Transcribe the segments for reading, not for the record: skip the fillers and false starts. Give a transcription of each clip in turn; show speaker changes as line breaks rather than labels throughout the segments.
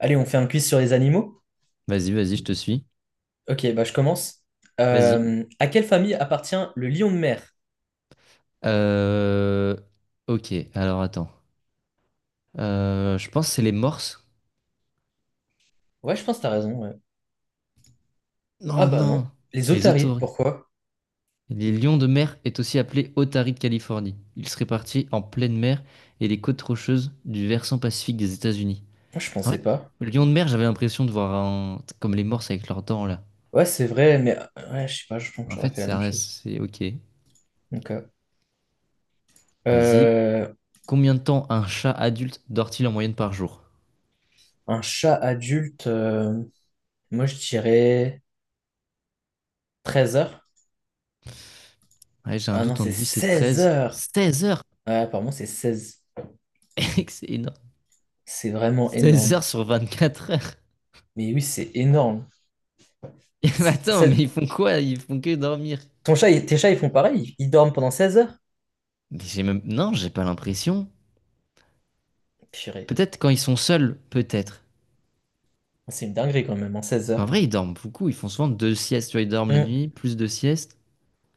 Allez, on fait un quiz sur les animaux.
Vas-y, vas-y, je te suis.
Ok, bah je commence.
Vas-y.
À quelle famille appartient le lion de mer?
Euh, Ok, alors attends. Je pense que c'est les morses.
Ouais, je pense que t'as raison, ouais. Ah
Non,
bah non.
non,
Les
les
otaries,
otaries.
pourquoi?
Les lions de mer est aussi appelé otaries de Californie. Ils se répartissent en pleine mer et les côtes rocheuses du versant pacifique des États-Unis.
Moi, je
En
pensais
fait,
pas.
le lion de mer, j'avais l'impression de voir un, comme les morses avec leurs dents là.
Ouais, c'est vrai, mais ouais, je sais pas, je pense que
En
j'aurais
fait,
fait la
ça
même
reste,
chose.
c'est ok.
Donc,
Vas-y.
euh,
Combien de temps un chat adulte dort-il en moyenne par jour?
un chat adulte, moi je dirais 13 heures.
Ouais, j'ai un
Ah non,
doute
c'est
entre 10 et
16
13
heures.
16 heures!
Ouais, apparemment, c'est 16.
Excellent.
C'est vraiment
16
énorme.
heures sur 24 heures.
Mais oui, c'est énorme.
Et mais
C'est-
attends,
ça-
mais ils font quoi? Ils font que dormir.
Ton chat, tes chats, ils font pareil? Ils dorment pendant 16 heures?
Mais j'ai même, non, j'ai pas l'impression.
Purée.
Peut-être quand ils sont seuls, peut-être.
C'est une dinguerie quand même, en 16
En
heures.
vrai, ils dorment beaucoup. Ils font souvent deux siestes. Tu vois, ils dorment la
Hmm.
nuit, plus deux siestes.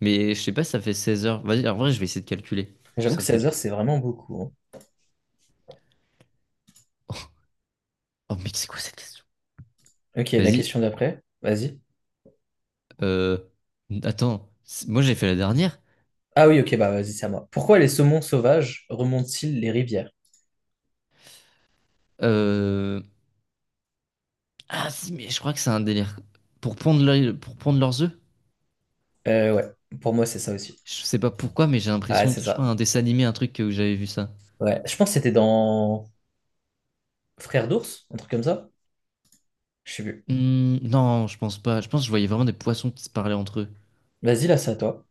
Mais je sais pas, ça fait 16 heures. Vas-y, en vrai, je vais essayer de calculer.
J'avoue que
J'essaie de
16 heures,
calculer.
c'est vraiment beaucoup, hein.
Oh, mais c'est quoi cette question?
Ok, la
Vas-y.
question d'après, vas-y.
Euh... Attends. Moi, j'ai fait la dernière.
Ah oui, ok, bah vas-y, c'est à moi. Pourquoi les saumons sauvages remontent-ils les rivières?
Euh... Ah, si, mais je crois que c'est un délire. Pour pondre, pour pondre leurs œufs?
Ouais, pour moi, c'est ça aussi.
Je sais pas pourquoi, mais j'ai
Ah, ouais,
l'impression,
c'est
je crois
ça.
un dessin animé, un truc où j'avais vu ça.
Ouais, je pense que c'était dans Frères d'ours, un truc comme ça. Je sais plus.
Hmm, non, je pense pas. Je pense que je voyais vraiment des poissons qui se parlaient entre eux.
Vas-y, là, c'est à toi.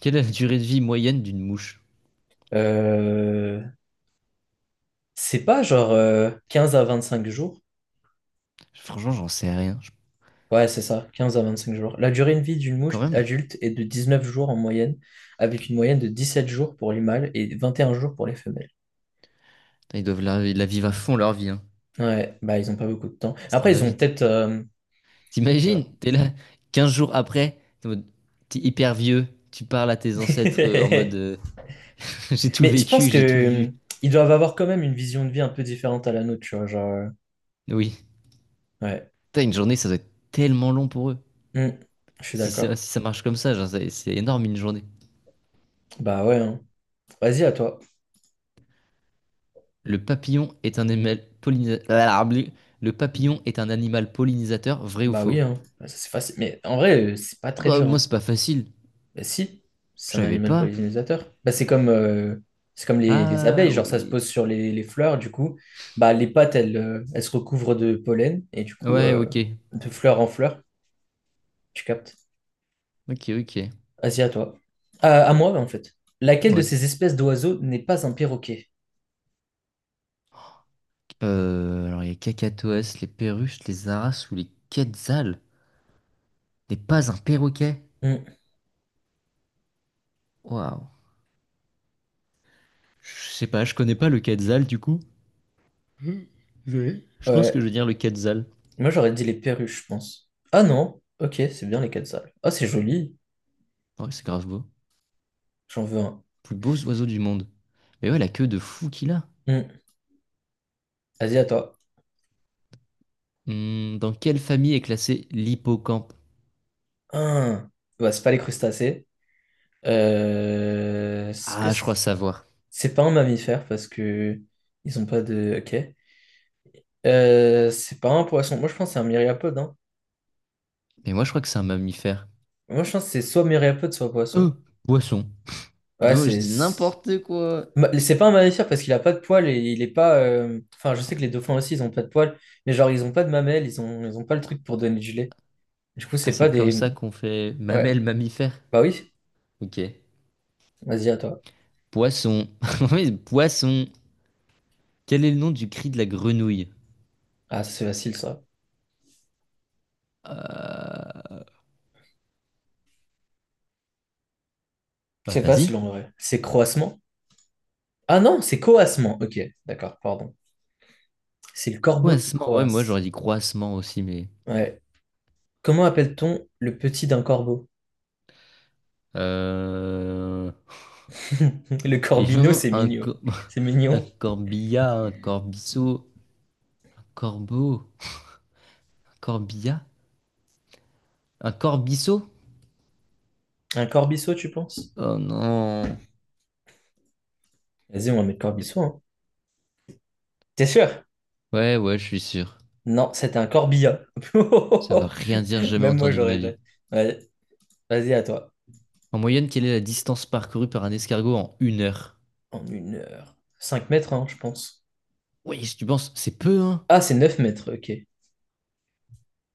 Quelle est la durée de vie moyenne d'une mouche?
Euh, C'est pas genre 15 à 25 jours.
Franchement, j'en sais rien. Je-
Ouais, c'est ça, 15 à 25 jours. La durée de vie d'une
Quand
mouche
même.
adulte est de 19 jours en moyenne, avec une moyenne de 17 jours pour les mâles et 21 jours pour les femelles.
Putain, ils doivent la, ils la vivre à fond leur vie, hein.
Ouais, bah ils ont pas beaucoup de temps.
Ça
Après,
va
ils ont
vite.
peut-être
T'imagines,
genre-
t'es là 15 jours après, t'es en mode, t'es hyper vieux, tu parles à tes ancêtres en mode j'ai tout
Mais je pense
vécu,
que
j'ai tout vu.
ils doivent avoir quand même une vision de vie un peu différente à la nôtre, tu vois, genre
Oui.
ouais.
Putain, une journée, ça doit être tellement long pour eux.
Hmm, je suis
Si ça,
d'accord.
si ça marche comme ça, genre, c'est énorme une journée.
Bah ouais, hein. Vas-y à toi.
Le papillon est un animal pollinisateur. Le papillon est un animal pollinisateur, vrai ou
Bah oui
faux?
hein. Bah, ça, c'est facile. Mais en vrai, c'est pas très
Oh,
dur
moi,
hein.
c'est pas facile.
Bah si,
Je
c'est un
savais
animal
pas.
pollinisateur. Bah c'est comme les
Ah
abeilles, genre ça se
oui.
pose sur les fleurs du coup. Bah les pattes elles, elles se recouvrent de pollen et du coup
Ouais, ok.
de fleur en fleur, tu captes?
Ok, ok.
Vas-y, à toi. À moi, en fait. Laquelle de
Ouais.
ces espèces d'oiseaux n'est pas un perroquet?
Alors, il y a Cacatoès, les perruches, les aras ou les quetzals. N'est pas un perroquet.
Hmm,
Waouh. Je sais pas, je connais pas le quetzal du coup. Oui, je pense que je
ouais.
vais dire le quetzal.
Moi, j'aurais dit les perruches, je pense. Ah non. Ok, c'est bien les quetzals. Ah, c'est joli.
Ouais, c'est grave beau.
J'en veux un.
Plus beaux oiseaux du monde. Mais ouais, la queue de fou qu'il a.
Hmm, Vas-y, à toi.
Hmm, dans quelle famille est classé l'hippocampe?
Ah. Bah, c'est pas les crustacés. Est-ce que
Ah, je
c'est
crois savoir.
c'est pas un mammifère parce que ils ont pas de. Ok. C'est pas un poisson. Moi, je pense que c'est un myriapode, hein.
Mais moi, je crois que c'est un mammifère.
Moi, je pense que c'est soit myriapode, soit
Euh,
poisson.
Poisson.
Ouais,
Bon, je
c'est.
dis n'importe quoi.
C'est pas un mammifère parce qu'il a pas de poils et il est pas, enfin, je sais que les dauphins aussi, ils ont pas de poils, mais genre, ils ont pas de mamelles, ils ont pas le truc pour donner du lait. Du coup,
Ah,
c'est
c'est
pas
comme
des.
ça qu'on fait
Ouais,
mamelle mammifère.
bah oui,
Ok.
vas-y à toi.
Poisson. Oui, poisson. Quel est le nom du cri de la grenouille?
Ah, c'est facile ça.
Euh... Bah,
C'est facile
vas-y.
en vrai. C'est croassement? Ah non, c'est coassement. Ok, d'accord, pardon. C'est le corbeau qui
Croassement. Ouais, moi,
croasse.
j'aurais dit croassement aussi, mais...
Ouais. Comment appelle-t-on le petit d'un corbeau?
Euh...
Le
Il y a
corbeau
vraiment
c'est
un,
mignon.
cor-
C'est
un
mignon.
corbillard, un corbiceau, un corbeau, un corbillard, un corbiceau?
Un corbiceau, tu penses?
Oh non.
Vas-y, on va mettre corbiceau, hein. T'es sûr?
Ouais, ouais, je suis sûr.
Non, c'était un corbillard.
Ça va rien dire, jamais
Même moi, je
entendu de
l'aurais
ma
déjà.
vie.
Ouais, vas-y, à toi.
En moyenne, quelle est la distance parcourue par un escargot en une heure?
En une heure, 5 mètres, hein, je pense.
Oui, si tu penses, c'est peu, hein?
Ah, c'est 9 mètres, ok.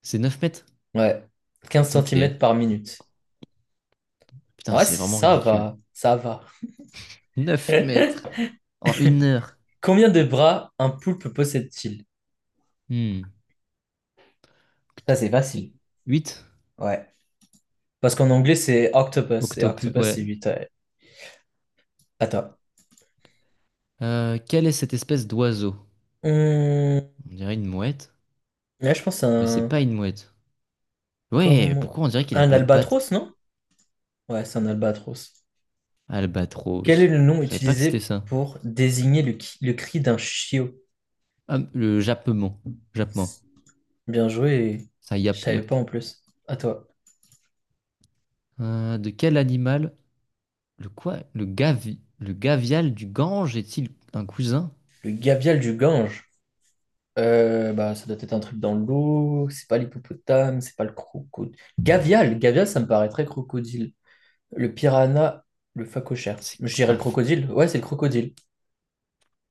C'est 9 mètres?
Ouais. 15 centimètres
Ok.
par minute.
Putain,
Ouais,
c'est vraiment
ça
ridicule.
va. Ça va.
9 mètres en une heure.
Combien de bras un poulpe possède-t-il?
Hmm.
Ça, c'est facile.
8?
Ouais. Parce qu'en anglais, c'est octopus. Et
Octopus,
octopus,
ouais.
c'est huit, ouais. À toi.
Quelle est cette espèce d'oiseau?
Hum,
On dirait une mouette,
Là, je pense à
mais c'est pas une mouette. Ouais,
cormo-
pourquoi on dirait qu'il a
Un
pas de pattes?
albatros, non? Ouais, c'est un albatros. Quel est le
Albatros.
nom
Je savais pas que c'était
utilisé
ça.
pour désigner le cri d'un chiot?
Ah, le jappement. Jappement.
Bien joué.
Ça,
Je
yap,
savais pas
yap.
en plus. À toi.
De quel animal? Le quoi? Le gavial du Gange est-il un cousin?
Le gavial du Gange. Bah, ça doit être un truc dans l'eau. C'est pas l'hippopotame, c'est pas le crocodile. Gavial, gavial, ça me paraît très crocodile. Le piranha, le phacochère.
C'est
Je dirais
ah,
le crocodile. Ouais, c'est le crocodile.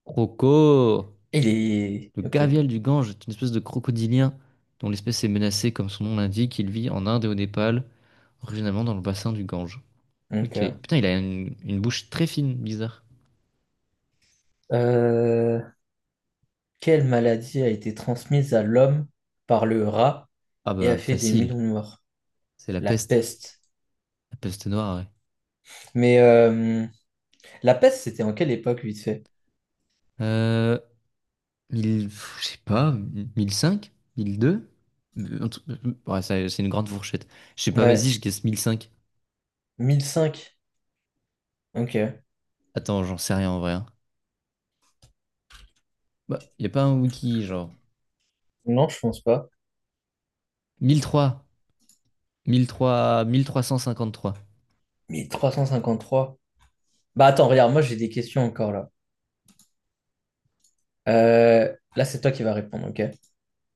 croco.
Il est.
Le
Ok.
gavial du Gange est une espèce de crocodilien dont l'espèce est menacée, comme son nom l'indique. Il vit en Inde et au Népal, originairement dans le bassin du Gange.
Donc,
Ok. Putain, il a une bouche très fine, bizarre.
euh, quelle maladie a été transmise à l'homme par le rat
Ah
et a
bah
fait des millions
facile.
de morts?
C'est la
La
peste.
peste.
La peste noire, ouais.
Mais la peste, c'était en quelle époque, vite fait?
Euh, 1000, je sais pas, 1005, 1002? Ouais, ça, c'est une grande fourchette. Je sais pas, vas-y,
Ouais.
je guesse 1005.
1005. Ok.
Attends, j'en sais rien en vrai, hein. Bah, y a pas un wiki, genre.
Non, je pense pas.
1003, 1003, 1353.
Mais 353. Bah attends, regarde, moi j'ai des questions encore là. Là, c'est toi qui vas répondre, ok?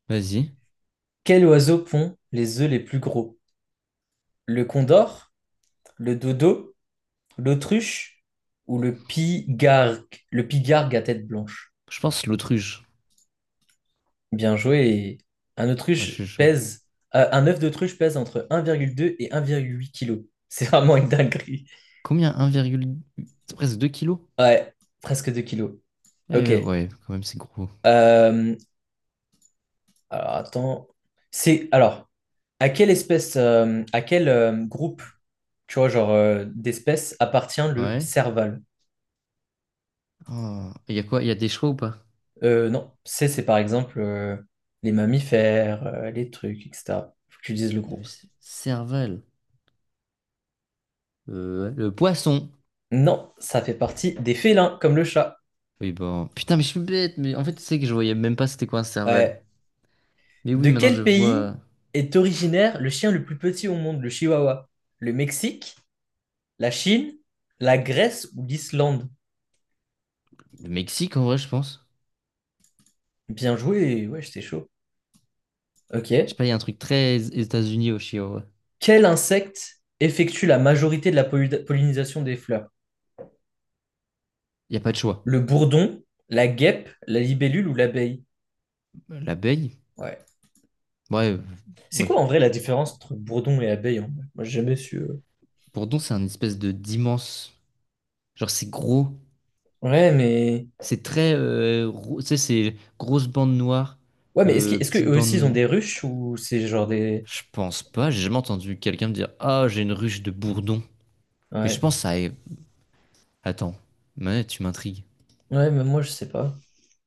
Vas-y.
Quel oiseau pond les œufs les plus gros? Le condor, le dodo, l'autruche ou le pigargue à tête blanche?
Je pense l'autruche.
Bien joué, et Un
Ouais, je suis
autruche
chaud.
pèse, un œuf d'autruche pèse entre 1,2 et 1,8 kg. C'est vraiment une dinguerie.
Combien? 1,8? C'est presque 2 kilos?
Ouais, presque 2 kilos. Ok.
Eh, ouais, quand même, c'est gros.
Euh, alors attends. C'est alors. À quelle espèce, à quel groupe, tu vois, genre d'espèces appartient le
Ouais.
serval?
Oh. Et y a quoi? Y a des choix ou pas?
Non, c'est par exemple les mammifères, les trucs, etc. Faut que tu dises le groupe.
Cervelle. Le poisson.
Non, ça fait partie des félins, comme le chat.
Oui, bon. Putain, mais je suis bête, mais en fait, tu sais que je voyais même pas c'était quoi un cervelle.
Ouais.
Mais
De
oui, maintenant
quel
je vois
pays est originaire le chien le plus petit au monde, le chihuahua? Le Mexique, la Chine, la Grèce ou l'Islande?
le Mexique en vrai, je pense.
Bien joué, ouais, j'étais chaud.
Je sais
Ok.
pas, il y a un truc très États-Unis au Chili, en vrai.
Quel insecte effectue la majorité de la pollinisation des fleurs?
Il y a pas de choix.
Le bourdon, la guêpe, la libellule ou l'abeille?
L'abeille,
Ouais.
ouais,
C'est
ouais.
quoi en vrai la différence entre bourdon et abeille en vrai? Moi, j'ai jamais su.
Bourdon, c'est un espèce de d'immense. Genre, c'est gros.
Ouais, mais.
C'est très. Tu sais, c'est grosse bande noire,
Ouais, mais est-ce que, est-ce que
petite
eux aussi ils ont
bande.
des ruches ou c'est genre des.
Je pense pas, j'ai jamais entendu quelqu'un me dire ah, j'ai une ruche de bourdon. Mais je
Ouais.
pense à. Attends, mais tu m'intrigues.
Ouais, mais moi, je sais pas.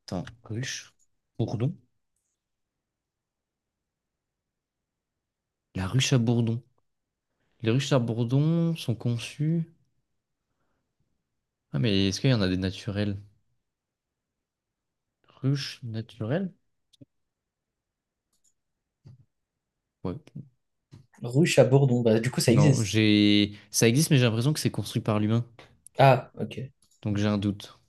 Attends, ruche? Bourdon? La ruche à bourdon. Les ruches à bourdon sont conçues. Ah, mais est-ce qu'il y en a des naturelles? Ruches naturelles? Ouais.
Ruche à bourdon, bah du coup, ça
Non,
existe.
j'ai. Ça existe, mais j'ai l'impression que c'est construit par l'humain.
Ah, ok.
Donc j'ai un doute.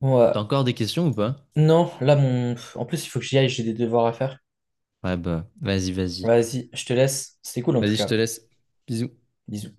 Bon,
T'as encore des questions ou pas?
non, là, mon. En plus, il faut que j'y aille, j'ai des devoirs à faire.
Ouais, bah, vas-y, vas-y.
Vas-y, je te laisse. C'était cool en tout
Vas-y, je te
cas.
laisse. Bisous.
Bisous.